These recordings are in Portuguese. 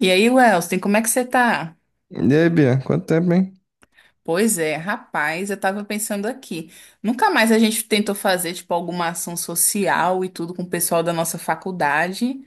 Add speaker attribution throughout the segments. Speaker 1: E aí, Welston, como é que você tá?
Speaker 2: E aí, Bia, quanto tempo, hein?
Speaker 1: Pois é, rapaz, eu tava pensando aqui. Nunca mais a gente tentou fazer, tipo, alguma ação social e tudo com o pessoal da nossa faculdade.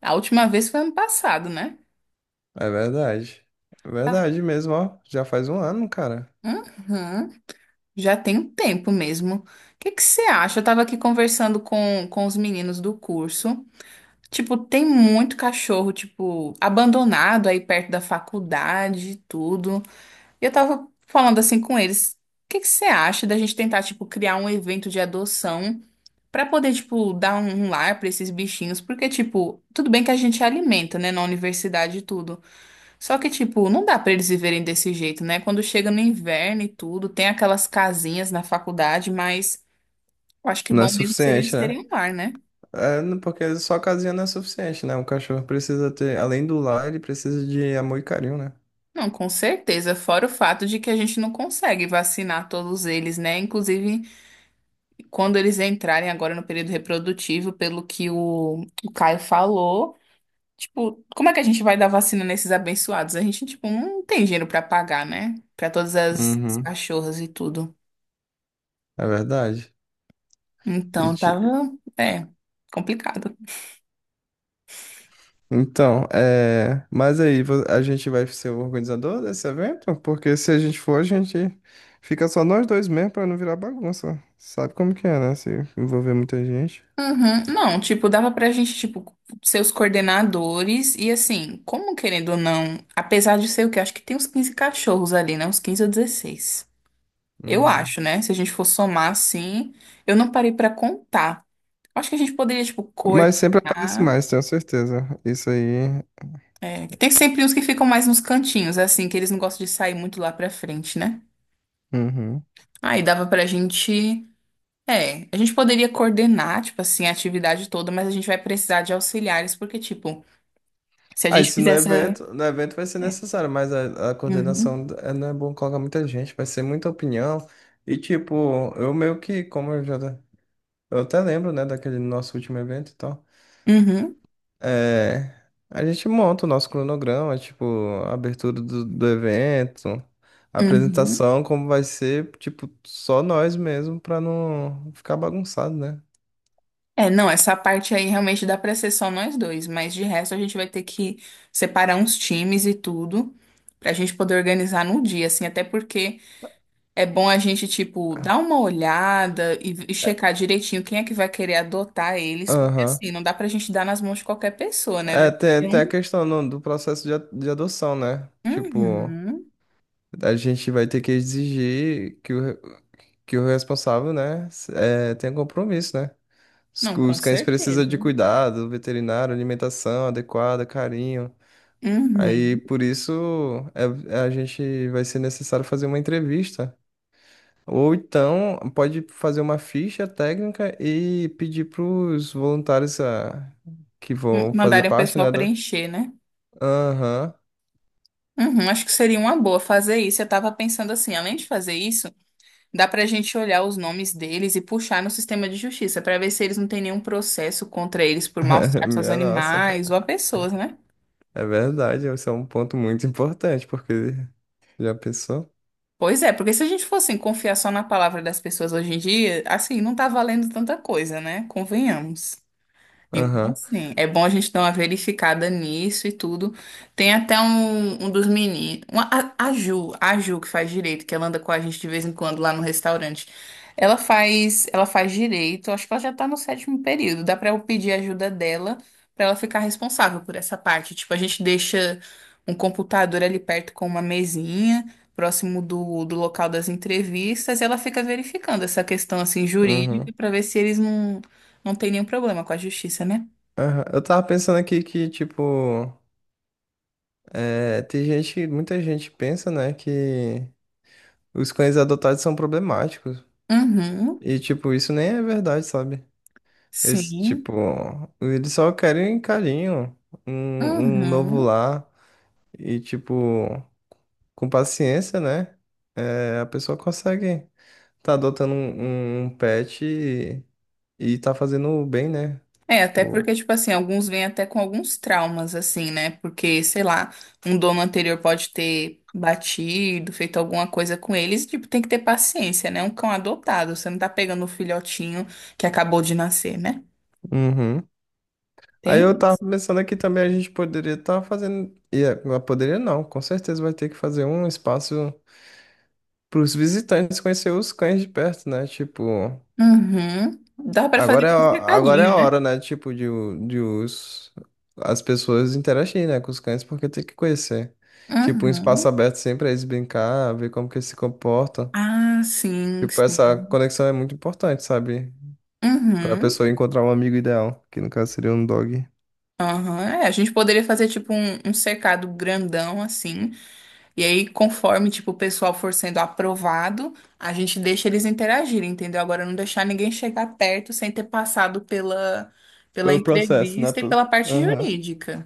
Speaker 1: A última vez foi ano passado, né?
Speaker 2: É verdade. É
Speaker 1: Tá.
Speaker 2: verdade mesmo, ó. Já faz 1 ano, cara.
Speaker 1: Uhum. Já tem um tempo mesmo. O que que você acha? Eu tava aqui conversando com os meninos do curso. Tipo, tem muito cachorro, tipo, abandonado aí perto da faculdade e tudo. E eu tava falando assim com eles. O que que você acha da gente tentar, tipo, criar um evento de adoção pra poder, tipo, dar um lar pra esses bichinhos? Porque, tipo, tudo bem que a gente alimenta, né, na universidade e tudo. Só que, tipo, não dá pra eles viverem desse jeito, né? Quando chega no inverno e tudo, tem aquelas casinhas na faculdade, mas eu acho que
Speaker 2: Não é
Speaker 1: bom mesmo seria eles
Speaker 2: suficiente,
Speaker 1: terem
Speaker 2: né?
Speaker 1: um lar, né?
Speaker 2: Porque só casinha não é suficiente, né? O cachorro precisa ter, além do lar, ele precisa de amor e carinho, né?
Speaker 1: Não, com certeza. Fora o fato de que a gente não consegue vacinar todos eles, né? Inclusive. Quando eles entrarem agora no período reprodutivo, pelo que o Caio falou, tipo, como é que a gente vai dar vacina nesses abençoados? A gente, tipo, não tem dinheiro pra pagar, né? Pra todas as
Speaker 2: Uhum.
Speaker 1: cachorras e tudo.
Speaker 2: É verdade. E
Speaker 1: Então,
Speaker 2: ti-
Speaker 1: tava, é, complicado.
Speaker 2: Mas aí, a gente vai ser o organizador desse evento? Porque se a gente for, a gente fica só nós dois mesmo pra não virar bagunça. Sabe como que é, né? Se envolver muita gente.
Speaker 1: Uhum. Não, tipo, dava pra gente, tipo, ser os coordenadores e assim, como querendo ou não, apesar de ser o que acho que tem uns 15 cachorros ali, né? Uns 15 ou 16. Eu
Speaker 2: Uhum.
Speaker 1: acho, né? Se a gente for somar assim, eu não parei pra contar. Acho que a gente poderia, tipo,
Speaker 2: Mas sempre aparece
Speaker 1: coordenar.
Speaker 2: mais, tenho certeza. Isso aí.
Speaker 1: É, que tem sempre uns que ficam mais nos cantinhos, é assim, que eles não gostam de sair muito lá pra frente, né?
Speaker 2: Uhum.
Speaker 1: Aí dava pra gente. É, a gente poderia coordenar, tipo assim, a atividade toda, mas a gente vai precisar de auxiliares, porque, tipo, se a
Speaker 2: Ah, e
Speaker 1: gente
Speaker 2: se no
Speaker 1: fizesse.
Speaker 2: evento, no evento vai ser
Speaker 1: É.
Speaker 2: necessário, mas a
Speaker 1: Uhum,
Speaker 2: coordenação não é bom colocar muita gente, vai ser muita opinião. E tipo, eu meio que, como eu já. Eu até lembro, né, daquele nosso último evento e tal.
Speaker 1: uhum,
Speaker 2: É, a gente monta o nosso cronograma, tipo, a abertura do evento, a
Speaker 1: uhum.
Speaker 2: apresentação, como vai ser, tipo, só nós mesmo, pra não ficar bagunçado, né?
Speaker 1: É, não, essa parte aí realmente dá pra ser só nós dois, mas de resto a gente vai ter que separar uns times e tudo, pra gente poder organizar no dia, assim, até porque. É bom a gente, tipo, dar uma olhada e checar direitinho quem é que vai querer adotar eles, porque
Speaker 2: Aham.
Speaker 1: assim, não dá pra gente dar nas mãos de qualquer pessoa, né? Vai
Speaker 2: É, tem,
Speaker 1: ter
Speaker 2: tem a
Speaker 1: um.
Speaker 2: questão do processo de, de adoção, né? Tipo,
Speaker 1: Uhum.
Speaker 2: a gente vai ter que exigir que o, que o responsável, né, tenha compromisso, né?
Speaker 1: Não, com
Speaker 2: Os cães precisam
Speaker 1: certeza.
Speaker 2: de cuidado, veterinário, alimentação adequada, carinho. Aí,
Speaker 1: Uhum.
Speaker 2: por isso, a gente vai ser necessário fazer uma entrevista. Ou então, pode fazer uma ficha técnica e pedir para os voluntários que vão fazer
Speaker 1: Mandarem o
Speaker 2: parte,
Speaker 1: pessoal
Speaker 2: né, da...
Speaker 1: preencher, né?
Speaker 2: Aham.
Speaker 1: Uhum, acho que seria uma boa fazer isso. Eu tava pensando assim, além de fazer isso, dá pra gente olhar os nomes deles e puxar no sistema de justiça pra ver se eles não têm nenhum processo contra eles por maus tratos aos
Speaker 2: Minha nossa,
Speaker 1: animais ou a pessoas, né?
Speaker 2: é verdade, esse é um ponto muito importante, porque já pensou?
Speaker 1: Pois é, porque se a gente fosse assim, confiar só na palavra das pessoas hoje em dia, assim, não tá valendo tanta coisa, né? Convenhamos. Então,
Speaker 2: Aham,
Speaker 1: assim, é bom a gente dar uma verificada nisso e tudo. Tem até um, um dos meninos, uma- a Ju, a Ju que faz direito, que ela anda com a gente de vez em quando lá no restaurante. Ela faz direito, acho que ela já tá no sétimo período. Dá pra eu pedir a ajuda dela pra ela ficar responsável por essa parte. Tipo, a gente deixa um computador ali perto com uma mesinha, próximo do local das entrevistas, e ela fica verificando essa questão assim jurídica
Speaker 2: uhum,
Speaker 1: pra ver se eles não tem nenhum problema com a justiça, né?
Speaker 2: aham. Eu tava pensando aqui que, tipo, é, tem gente, muita gente pensa, né, que os cães adotados são problemáticos,
Speaker 1: Uhum,
Speaker 2: e, tipo, isso nem é verdade, sabe? Eles,
Speaker 1: sim.
Speaker 2: tipo, eles só querem um carinho, um novo
Speaker 1: Uhum.
Speaker 2: lar, e, tipo, com paciência, né, é, a pessoa consegue tá adotando um, um pet. E tá fazendo bem, né?
Speaker 1: É, até
Speaker 2: Tipo,
Speaker 1: porque, tipo assim, alguns vêm até com alguns traumas, assim, né? Porque, sei lá, um dono anterior pode ter batido, feito alguma coisa com eles, e, tipo, tem que ter paciência, né? Um cão adotado, você não tá pegando o filhotinho que acabou de nascer, né?
Speaker 2: uhum. Aí
Speaker 1: Tem
Speaker 2: eu tava
Speaker 1: isso.
Speaker 2: pensando aqui também a gente poderia estar fazendo. E é, mas poderia não, com certeza vai ter que fazer um espaço para os visitantes conhecer os cães de perto, né? Tipo,
Speaker 1: Uhum. Dá pra fazer
Speaker 2: agora é,
Speaker 1: tipo um
Speaker 2: agora é
Speaker 1: cercadinho,
Speaker 2: a
Speaker 1: né?
Speaker 2: hora, né? Tipo, de, de os, as pessoas interagirem, né, com os cães, porque tem que conhecer. Tipo, um
Speaker 1: Uhum.
Speaker 2: espaço aberto sempre pra eles brincar, ver como que eles se comportam.
Speaker 1: Ah, sim,
Speaker 2: Tipo,
Speaker 1: sim.
Speaker 2: essa conexão é muito importante, sabe? Pra
Speaker 1: Uhum.
Speaker 2: pessoa encontrar um amigo ideal, que no caso seria um dog.
Speaker 1: Aham, é, a gente poderia fazer tipo um, um cercado grandão assim, e aí conforme tipo o pessoal for sendo aprovado, a gente deixa eles interagirem, entendeu? Agora não deixar ninguém chegar perto sem ter passado pela pela
Speaker 2: Pelo processo, né?
Speaker 1: entrevista e pela
Speaker 2: Pelo...
Speaker 1: parte
Speaker 2: Aham.
Speaker 1: jurídica.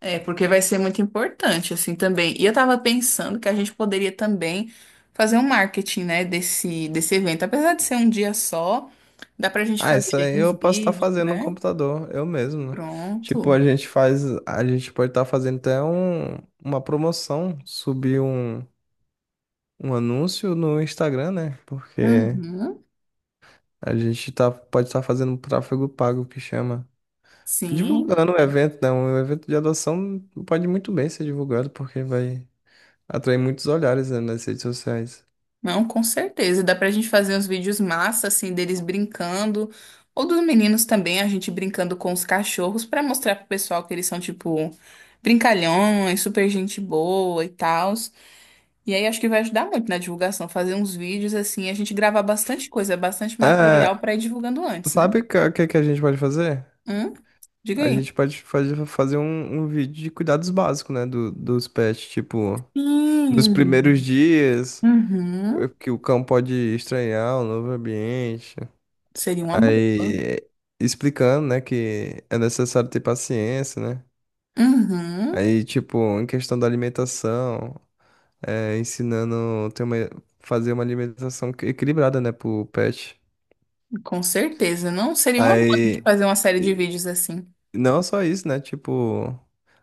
Speaker 1: É, porque vai ser muito importante assim também. E eu tava pensando que a gente poderia também fazer um marketing, né, desse desse evento, apesar de ser um dia só, dá pra gente
Speaker 2: Ah, isso
Speaker 1: fazer
Speaker 2: aí
Speaker 1: uns
Speaker 2: eu posso estar
Speaker 1: vídeos,
Speaker 2: fazendo no
Speaker 1: né?
Speaker 2: computador, eu mesmo, né? Tipo, a
Speaker 1: Pronto.
Speaker 2: gente faz, a gente pode estar fazendo até um, uma promoção, subir um, um anúncio no Instagram, né? Porque
Speaker 1: Uhum.
Speaker 2: a gente tá, pode estar fazendo um tráfego pago, que chama.
Speaker 1: Sim,
Speaker 2: Divulgando o evento, né? Um evento de adoção pode muito bem ser divulgado, porque vai atrair muitos olhares, né, nas redes sociais.
Speaker 1: não, com certeza. Dá pra gente fazer uns vídeos massa, assim, deles brincando, ou dos meninos também, a gente brincando com os cachorros, pra mostrar pro pessoal que eles são, tipo, brincalhões, super gente boa e tal. E aí acho que vai ajudar muito na divulgação, fazer uns vídeos, assim, a gente gravar bastante coisa, bastante material
Speaker 2: Ah,
Speaker 1: pra ir divulgando antes, né?
Speaker 2: sabe o que, que a gente pode fazer?
Speaker 1: Hum? Diga
Speaker 2: A
Speaker 1: aí.
Speaker 2: gente pode fazer um, um vídeo de cuidados básicos, né? Do, dos pets, tipo, nos primeiros
Speaker 1: Sim.
Speaker 2: dias,
Speaker 1: Uhum.
Speaker 2: que o cão pode estranhar o novo ambiente.
Speaker 1: Seria uma boa.
Speaker 2: Aí, explicando, né, que é necessário ter paciência, né?
Speaker 1: Uhum.
Speaker 2: Aí, tipo, em questão da alimentação, ensinando ter uma, fazer uma alimentação equilibrada, né, pro pet.
Speaker 1: Com certeza. Não seria uma boa a gente
Speaker 2: Aí.
Speaker 1: fazer uma série de vídeos assim.
Speaker 2: Não só isso, né? Tipo,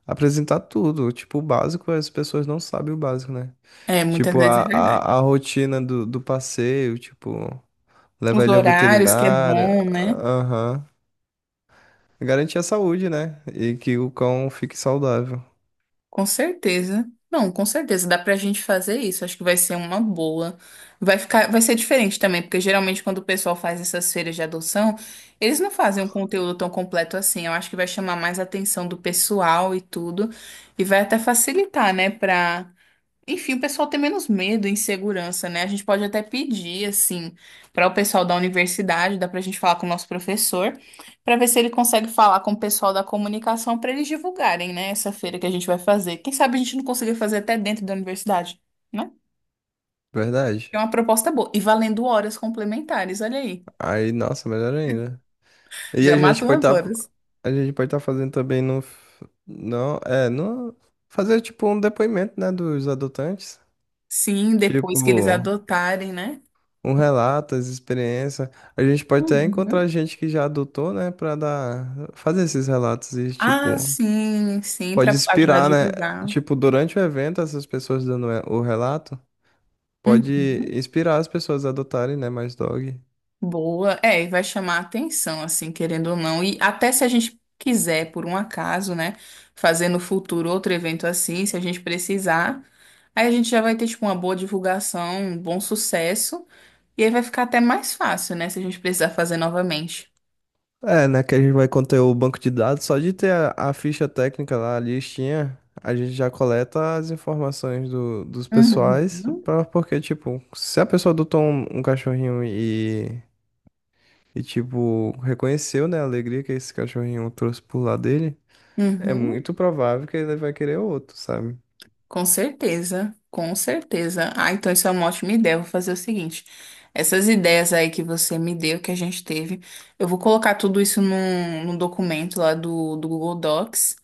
Speaker 2: apresentar tudo. Tipo, o básico, as pessoas não sabem o básico, né?
Speaker 1: É, muitas
Speaker 2: Tipo,
Speaker 1: vezes
Speaker 2: a,
Speaker 1: é
Speaker 2: a,
Speaker 1: verdade.
Speaker 2: a rotina do passeio, tipo, levar
Speaker 1: Os
Speaker 2: ele ao
Speaker 1: horários que é
Speaker 2: veterinário,
Speaker 1: bom, né?
Speaker 2: aham. Garantir a saúde, né? E que o cão fique saudável.
Speaker 1: Com certeza. Não, com certeza dá pra gente fazer isso. Acho que vai ser uma boa. Vai ficar, vai ser diferente também, porque geralmente quando o pessoal faz essas feiras de adoção, eles não fazem um conteúdo tão completo assim. Eu acho que vai chamar mais a atenção do pessoal e tudo, e vai até facilitar, né. Pra enfim, o pessoal tem menos medo e insegurança, né? A gente pode até pedir, assim, para o pessoal da universidade, dá para a gente falar com o nosso professor, para ver se ele consegue falar com o pessoal da comunicação para eles divulgarem, né, essa feira que a gente vai fazer. Quem sabe a gente não consiga fazer até dentro da universidade, né?
Speaker 2: Verdade.
Speaker 1: É uma proposta boa. E valendo horas complementares, olha aí.
Speaker 2: Aí, nossa, melhor ainda. E
Speaker 1: Já é.
Speaker 2: a gente
Speaker 1: Matou
Speaker 2: pode
Speaker 1: as
Speaker 2: estar
Speaker 1: horas.
Speaker 2: a gente pode estar fazendo também não, é, no fazer tipo um depoimento, né, dos adotantes.
Speaker 1: Sim,
Speaker 2: Tipo,
Speaker 1: depois que eles adotarem, né?
Speaker 2: um relato, as experiências. A gente pode até encontrar
Speaker 1: Uhum.
Speaker 2: gente que já adotou, né, pra dar, fazer esses relatos e, tipo,
Speaker 1: Ah, sim, sim,
Speaker 2: pode
Speaker 1: para ajudar a
Speaker 2: inspirar, né?
Speaker 1: divulgar.
Speaker 2: Tipo, durante o evento, essas pessoas dando é, o relato, pode
Speaker 1: Uhum.
Speaker 2: inspirar as pessoas a adotarem, né, mais dog.
Speaker 1: Boa, é, e vai chamar a atenção, assim, querendo ou não. E até se a gente quiser, por um acaso, né, fazer no futuro outro evento assim, se a gente precisar, aí a gente já vai ter, tipo, uma boa divulgação, um bom sucesso, e aí vai ficar até mais fácil, né, se a gente precisar fazer novamente.
Speaker 2: É, né, que a gente vai conter o banco de dados, só de ter a ficha técnica lá, a listinha, a gente já coleta as informações do, dos
Speaker 1: Uhum.
Speaker 2: pessoais, pra, porque, tipo, se a pessoa adotou um, um cachorrinho e tipo, reconheceu, né, a alegria que esse cachorrinho trouxe pro lado dele, é
Speaker 1: Uhum.
Speaker 2: muito provável que ele vai querer outro, sabe?
Speaker 1: Com certeza, com certeza. Ah, então isso é uma ótima ideia. Eu vou fazer o seguinte: essas ideias aí que você me deu, que a gente teve, eu vou colocar tudo isso num, num documento lá do Google Docs.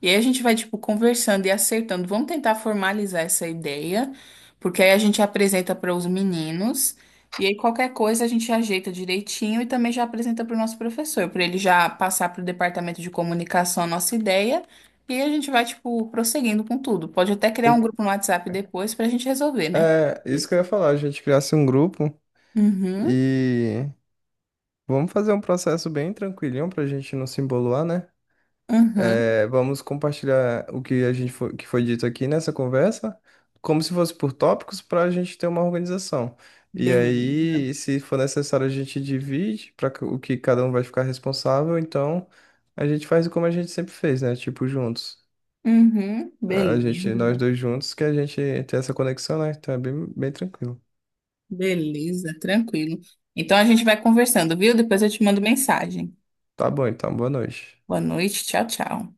Speaker 1: E aí a gente vai, tipo, conversando e acertando. Vamos tentar formalizar essa ideia, porque aí a gente apresenta para os meninos. E aí qualquer coisa a gente ajeita direitinho e também já apresenta para o nosso professor, para ele já passar para o departamento de comunicação a nossa ideia. E aí a gente vai, tipo, prosseguindo com tudo. Pode até criar um grupo no WhatsApp depois para a gente resolver, né?
Speaker 2: É, isso
Speaker 1: Pois.
Speaker 2: que eu ia falar, a gente criasse um grupo
Speaker 1: Uhum,
Speaker 2: e vamos fazer um processo bem tranquilinho pra gente não se emboluar, né?
Speaker 1: uhum,
Speaker 2: É, vamos compartilhar o que a gente foi, que foi dito aqui nessa conversa, como se fosse por tópicos, para a gente ter uma organização. E
Speaker 1: beleza.
Speaker 2: aí, se for necessário, a gente divide para o que cada um vai ficar responsável. Então, a gente faz como a gente sempre fez, né? Tipo, juntos.
Speaker 1: Uhum,
Speaker 2: A gente, nós
Speaker 1: beleza.
Speaker 2: dois juntos, que a gente tem essa conexão, né? Então é bem, bem tranquilo.
Speaker 1: Beleza, tranquilo. Então a gente vai conversando, viu? Depois eu te mando mensagem.
Speaker 2: Tá bom, então, boa noite.
Speaker 1: Boa noite, tchau, tchau.